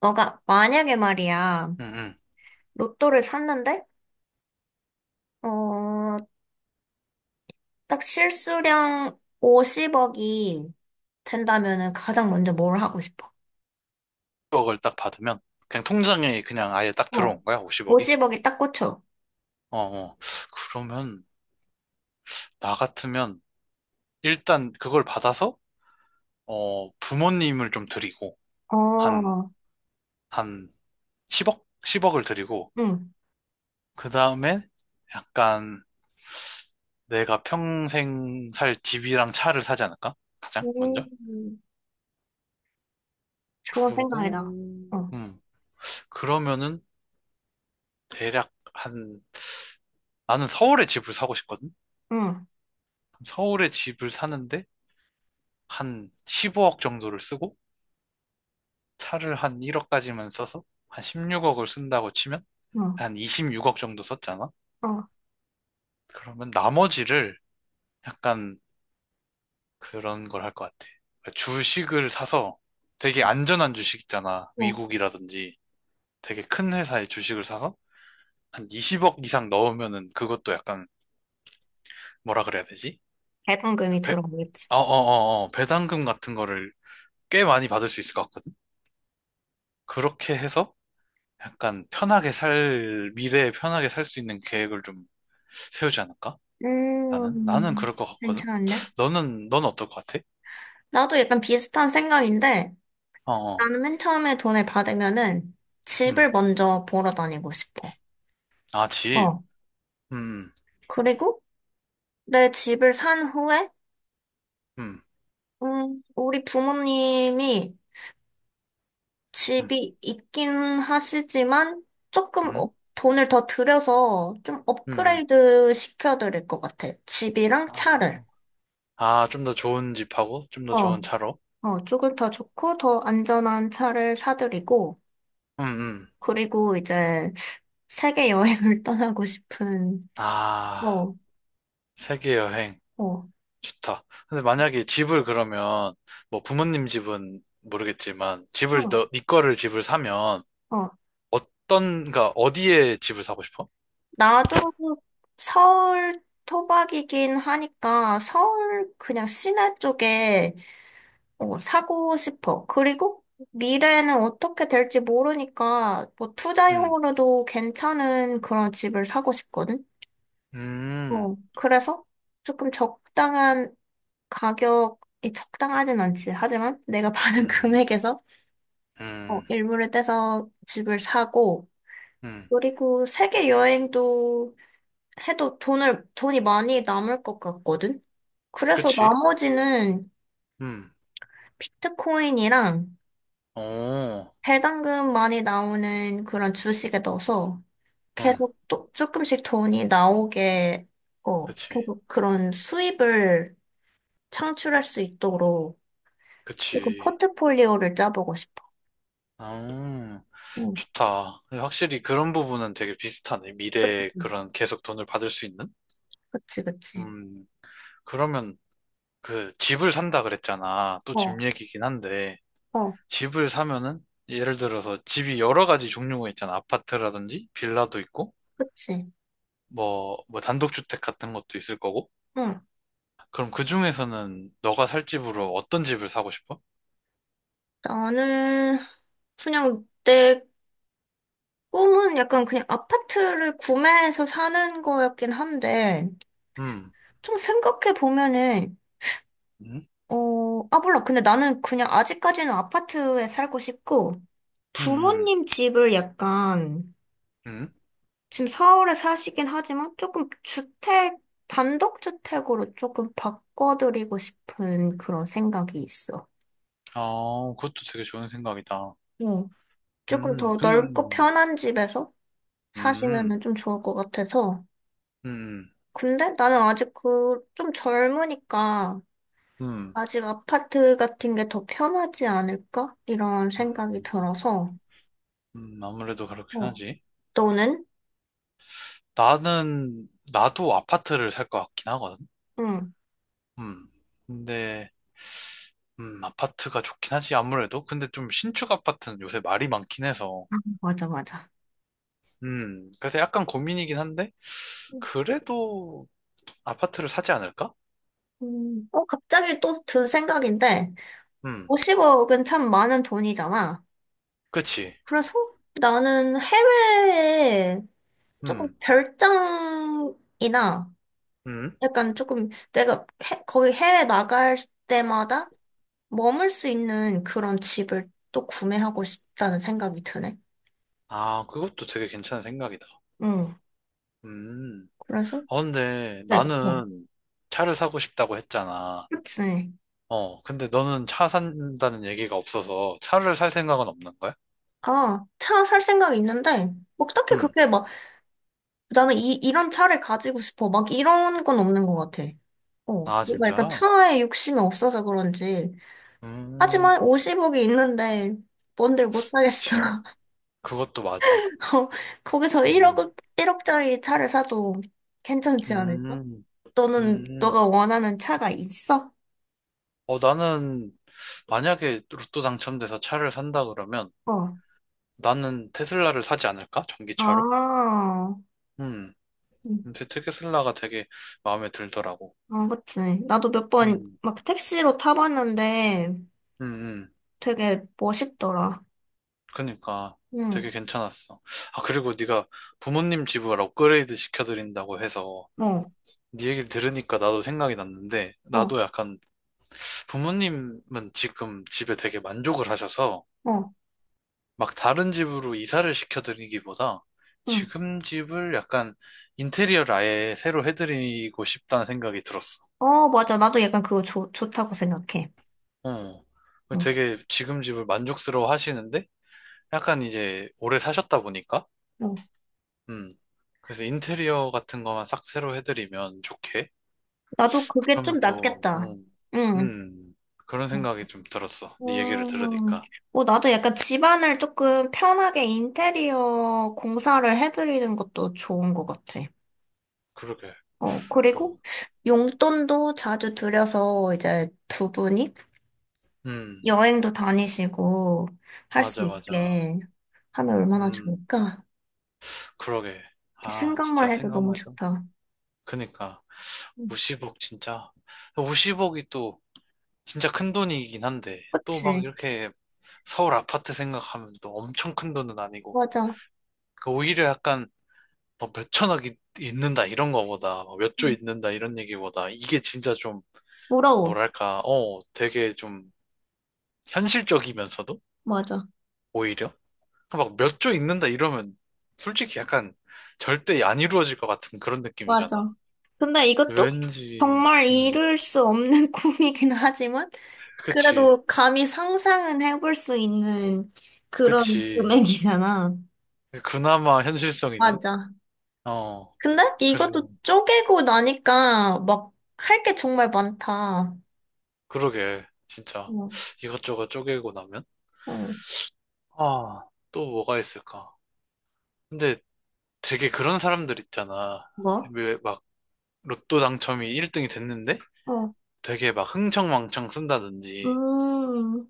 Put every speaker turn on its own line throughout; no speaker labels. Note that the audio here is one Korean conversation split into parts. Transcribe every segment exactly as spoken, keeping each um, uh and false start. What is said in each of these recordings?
뭐가, 만약에 말이야,
응응.
로또를 샀는데, 어, 딱 실수령 오십 억이 된다면은 가장 먼저 뭘 하고 싶어?
십억을 딱 받으면 그냥 통장에 그냥 아예 딱
어.
들어온 거야, 오십억이.
오십 억이 딱 꽂혀.
어, 어. 그러면 나 같으면 일단 그걸 받아서 어, 부모님을 좀 드리고 한,
어.
한 십억? 십억을 드리고
응.
그 다음에 약간 내가 평생 살 집이랑 차를 사지 않을까? 가장
오,
먼저?
좋은 생각이다.
그러고
어,
음. 그러면은 대략 한, 나는 서울에 집을 사고 싶거든.
응,
서울에 집을 사는데 한 십오억 정도를 쓰고 차를 한 일억까지만 써서 한 십육억을 쓴다고 치면
응,
한 이십육억 정도 썼잖아?
어,
그러면 나머지를 약간 그런 걸 할 것 같아. 그러니까 주식을 사서 되게 안전한 주식 있잖아.
어.
미국이라든지 되게 큰 회사의 주식을 사서 한 이십억 이상 넣으면은 그것도 약간 뭐라 그래야 되지? 그
배당금이
배,
들어오겠지.
어, 어, 어, 어, 배당금 같은 거를 꽤 많이 받을 수 있을 것 같거든? 그렇게 해서 약간 편하게 살, 미래에 편하게 살 수 있는 계획을 좀 세우지 않을까? 나는? 나는
음.
그럴 것 같거든?
괜찮은데?
너는, 넌 어떨 것 같아?
나도 약간 비슷한 생각인데,
어, 어,
나는 맨 처음에 돈을 받으면은
음.
집을 먼저 보러 다니고 싶어.
아, 집.
어.
음,
그리고 내 집을 산 후에,
음,
음, 우리 부모님이
음,
집이 있긴 하시지만 조금
음, 음.
업- 돈을 더 들여서 좀
음.
업그레이드 시켜드릴 것 같아. 집이랑
아,
차를.
아, 좀 더 좋은 집하고, 좀 더
어,
좋은 차로.
어, 조금 더 좋고 더 안전한 차를 사드리고,
음, 음.
그리고 이제 세계 여행을 떠나고 싶은,
아,
어,
세계 여행.
어,
좋다. 근데 만약에 집을 그러면, 뭐 부모님 집은 모르겠지만, 집을,
어,
너, 네 거를 집을 사면,
어,
어떤, 가 어디에 집을 사고 싶어?
나도 서울 토박이긴 하니까 서울 그냥 시내 쪽에 어, 사고 싶어. 그리고 미래는 어떻게 될지 모르니까 뭐
음.
투자용으로도 괜찮은 그런 집을 사고 싶거든.
음.
어, 그래서 조금 적당한 가격이 적당하진 않지. 하지만 내가 받은
음,
금액에서 어,
음,
일부를 떼서 집을 사고
음,
그리고 세계 여행도 해도 돈을, 돈이 많이 남을 것 같거든? 그래서
그치?
나머지는
음,
비트코인이랑
어,
배당금 많이 나오는 그런 주식에 넣어서
음,
계속 또 조금씩 돈이 나오게, 어,
그치,
계속 그런 수입을 창출할 수 있도록 조금
그치.
포트폴리오를 짜보고 싶어.
아,
응,
좋다. 확실히 그런 부분은 되게 비슷하네. 미래에
응.
그런 계속 돈을 받을 수 있는?
그치, 그치.
음, 그러면 그 집을 산다 그랬잖아. 또 집
어,
얘기긴 한데,
어,
집을 사면은 예를 들어서 집이 여러 가지 종류가 있잖아. 아파트라든지 빌라도 있고,
그치.
뭐, 뭐 단독주택 같은 것도 있을 거고.
응.
그럼 그 중에서는 너가 살 집으로 어떤 집을 사고 싶어?
나는 그냥 내 꿈은 약간 그냥 아파트를 구매해서 사는 거였긴 한데,
음.
좀 생각해 보면은,
음,
어, 아, 몰라. 근데 나는 그냥 아직까지는 아파트에 살고 싶고,
음,
부모님 집을 약간,
음.
지금 서울에 사시긴 하지만 조금 주택, 단독주택으로 조금 바꿔드리고 싶은 그런 생각이 있어.
아, 그것도 되게 좋은 생각이다.
응. 조금
음,
더 넓고
근,
편한 집에서
음,
사시면은 좀 좋을 것 같아서.
음,
근데 나는 아직 그, 좀 젊으니까,
음,
아직 아파트 같은 게 더 편하지 않을까? 이런 생각이
음,
들어서,
음, 아무래도 그렇긴
어,
하지.
너는?
나는, 나도 아파트를 살 것 같긴 하거든.
응,
음, 근데, 음, 아파트가 좋긴 하지, 아무래도. 근데 좀 신축 아파트는 요새 말이 많긴 해서.
아, 맞아, 맞아.
음, 그래서 약간 고민이긴 한데, 그래도 아파트를 사지 않을까?
음, 어, 갑자기 또 든 생각인데,
음,
오십 억은 참 많은 돈이잖아.
그치.
그래서 나는 해외에 조금
음,
별장이나
음.
약간 조금 내가 해- 거기 해외 나갈 때마다 머물 수 있는 그런 집을 또 구매하고 싶다는 생각이 드네.
아, 그것도 되게 괜찮은 생각이다.
응,
음.
그래서,
어, 근데
네. 뭐.
나는 차를 사고 싶다고 했잖아.
그치.
어, 근데 너는 차 산다는 얘기가 없어서 차를 살 생각은 없는 거야?
아, 차 살 생각 있는데, 뭐 딱히
음.
그렇게 막, 나는 이, 이런 차를 가지고 싶어. 막 이런 건 없는 것 같아. 어,
아,
내가 약간
진짜?
차에 욕심이 없어서 그런지.
음,
하지만 오십 억이 있는데, 뭔들 못 하겠어.
그치. 그것도 맞아.
어, 거기서
음,
1억, 일억짜리 차를 사도 괜찮지 않을까?
음,
너는,
음.
너가 원하는 차가 있어?
어, 나는 만약에 로또 당첨돼서 차를 산다 그러면
어.
나는 테슬라를 사지 않을까?
아,
전기차로? 음.
음,
근데 테슬라가 되게 마음에 들더라고.
아, 그치. 나도 몇 번
음,
막 택시로 타봤는데,
음, 음.
되게 멋있더라.
그니까
응,
되게 괜찮았어. 아, 그리고 네가 부모님 집을 업그레이드 시켜드린다고 해서
어,
네 얘기를 들으니까 나도 생각이 났는데
어,
나도 약간 부모님은 지금 집에 되게 만족을 하셔서
어,
막 다른 집으로 이사를 시켜드리기보다
응.
지금 집을 약간 인테리어를 아예 새로 해드리고 싶다는 생각이 들었어.
어, 맞아. 나도 약간 그거 좋, 좋다고 생각해.
어.
응,
되게 지금 집을 만족스러워 하시는데 약간 이제 오래 사셨다 보니까.
응.
음. 그래서 인테리어 같은 거만 싹 새로 해드리면 좋게?
나도 그게 좀
그러면 또,
낫겠다.
음,
응.
음, 그런 생각이 좀 들었어. 네 얘기를
음,
들으니까.
어, 나도 약간 집안을 조금 편하게 인테리어 공사를 해드리는 것도 좋은 것 같아.
그러게.
어,
또,
그리고 용돈도 자주 들여서 이제 두 분이
음,
여행도 다니시고 할 수
맞아, 맞아.
있게 하면 얼마나
음,
좋을까?
그러게. 아,
생각만
진짜
해도 너무
생각만 해도.
좋다.
그니까,
응.
오십억 진짜. 오십억이 또, 진짜 큰 돈이긴 한데, 또 막
그치?
이렇게 서울 아파트 생각하면 또 엄청 큰 돈은 아니고.
맞아. 음.
그 오히려 약간 뭐 몇천억이 있는다 이런 거보다 몇 조 있는다 이런 얘기보다 이게 진짜 좀
부러워.
뭐랄까, 어, 되게 좀 현실적이면서도
맞아.
오히려 막 몇 조 있는다 이러면 솔직히 약간 절대 안 이루어질 것 같은 그런 느낌이잖아,
맞아. 근데 이것도
왠지.
정말
음,
이룰 수 없는 꿈이긴 하지만,
그치,
그래도 감히 상상은 해볼 수 있는 그런
그치.
금액이잖아.
그나마 현실성 있는.
맞아.
어.
근데 이것도
그래서
쪼개고 나니까 막 할 게 정말 많다.
그러게 진짜
어,
이것저것 쪼개고 나면,
어,
아, 또 뭐가 있을까. 근데 되게 그런 사람들 있잖아.
뭐?
왜 막 로또 당첨이 일 등이 됐는데
어,
되게 막 흥청망청 쓴다든지
음,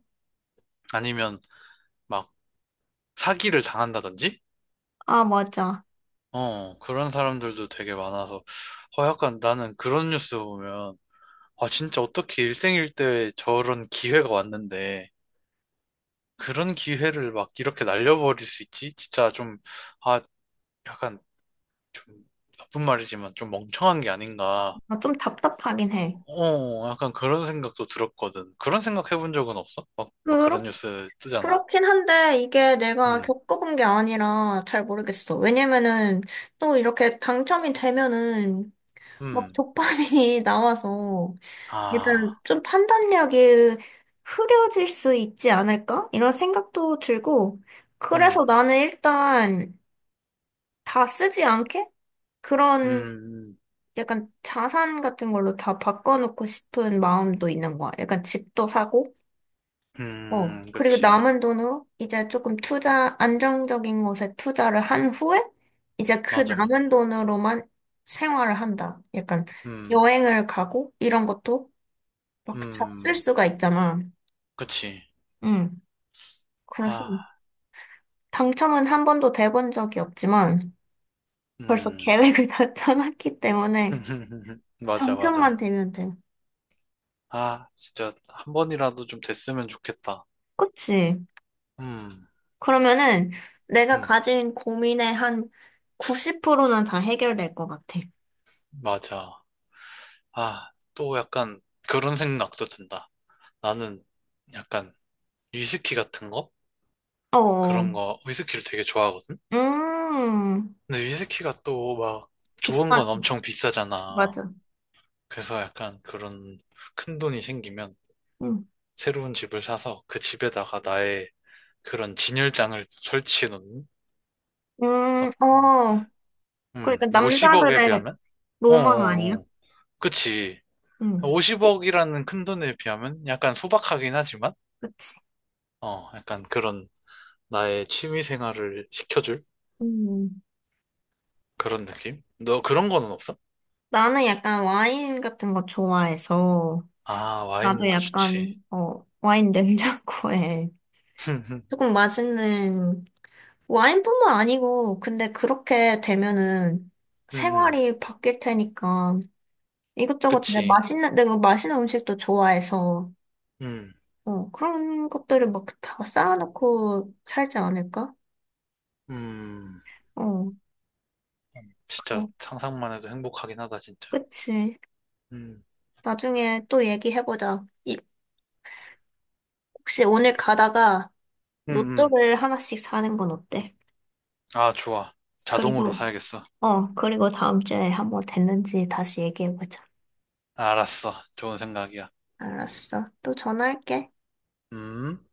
아니면 막 사기를 당한다든지?
아, 맞아.
어, 그런 사람들도 되게 많아서 어, 약간 나는 그런 뉴스 보면 아, 진짜 어떻게 일생일대에 저런 기회가 왔는데 그런 기회를 막 이렇게 날려버릴 수 있지? 진짜 좀, 아, 약간 좀, 나쁜 말이지만 좀 멍청한 게 아닌가.
아, 좀 답답하긴 해.
어, 약간 그런 생각도 들었거든. 그런 생각 해본 적은 없어? 막, 막 그런
그렇구나.
뉴스 뜨잖아.
그렇긴 한데 이게 내가
음,
겪어본 게 아니라 잘 모르겠어. 왜냐면은 또 이렇게 당첨이 되면은 막
음,
도파민이 나와서
아,
일단 좀 판단력이 흐려질 수 있지 않을까? 이런 생각도 들고 그래서
음,
나는 일단 다 쓰지 않게 그런
음,
약간 자산 같은 걸로 다 바꿔놓고 싶은 마음도 있는 거야. 약간 집도 사고 어.
음,
그리고
그치.
남은 돈으로 이제 조금 투자, 안정적인 곳에 투자를 한 후에 이제 그
맞아, 맞아.
남은 돈으로만 생활을 한다. 약간
음,
여행을 가고 이런 것도 막 다 쓸
음,
수가 있잖아.
그치.
응. 그래서
아,
당첨은 한 번도 돼본 적이 없지만 벌써
음,
계획을 다 짜놨기 때문에
맞아,
당첨만
맞아.
되면 돼.
아, 진짜 한 번이라도 좀 됐으면 좋겠다.
그치?
음,
그러면은 내가
음,
가진 고민의 한 구십 프로는 다 해결될 것 같아.
맞아. 아, 또 약간 그런 생각도 든다. 나는 약간 위스키 같은 거?
어.
그런 거, 위스키를 되게 좋아하거든?
음,
근데 위스키가 또 막 좋은 건
비싸지.
엄청 비싸잖아.
맞아.
그래서 약간 그런 큰 돈이 생기면
응.
새로운 집을 사서 그 집에다가 나의 그런 진열장을 설치해 놓는? 어,
음, 어.
음,
그러니까
오십억에
남자들의
비하면?
로망 아니야?
어어어. 그치.
응,
오십억이라는 큰 돈에 비하면 약간 소박하긴 하지만,
그치.
어, 약간 그런 나의 취미 생활을 시켜줄
음.
그런 느낌? 너 그런 거는 없어?
나는 약간 와인 같은 거 좋아해서,
아,
나도
와인도 좋지.
약간, 어, 와인 냉장고에 조금 맛있는, 와인뿐만 아니고, 근데 그렇게 되면은
음, 음.
생활이 바뀔 테니까, 이것저것 내가
그치.
맛있는, 내가 맛있는 음식도 좋아해서,
음,
어, 그런 것들을 막 다 쌓아놓고 살지 않을까?
음,
어,
진짜
그럼.
상상만 해도 행복하긴 하다, 진짜.
그치.
음,
나중에 또 얘기해보자. 이- 혹시 오늘 가다가
음, 음.
로또를 하나씩 사는 건 어때?
아, 좋아. 자동으로
그리고,
사야겠어.
어, 그리고 다음 주에 한번 됐는지 다시 얘기해보자.
알았어. 좋은 생각이야.
알았어. 또 전화할게.
음. 음.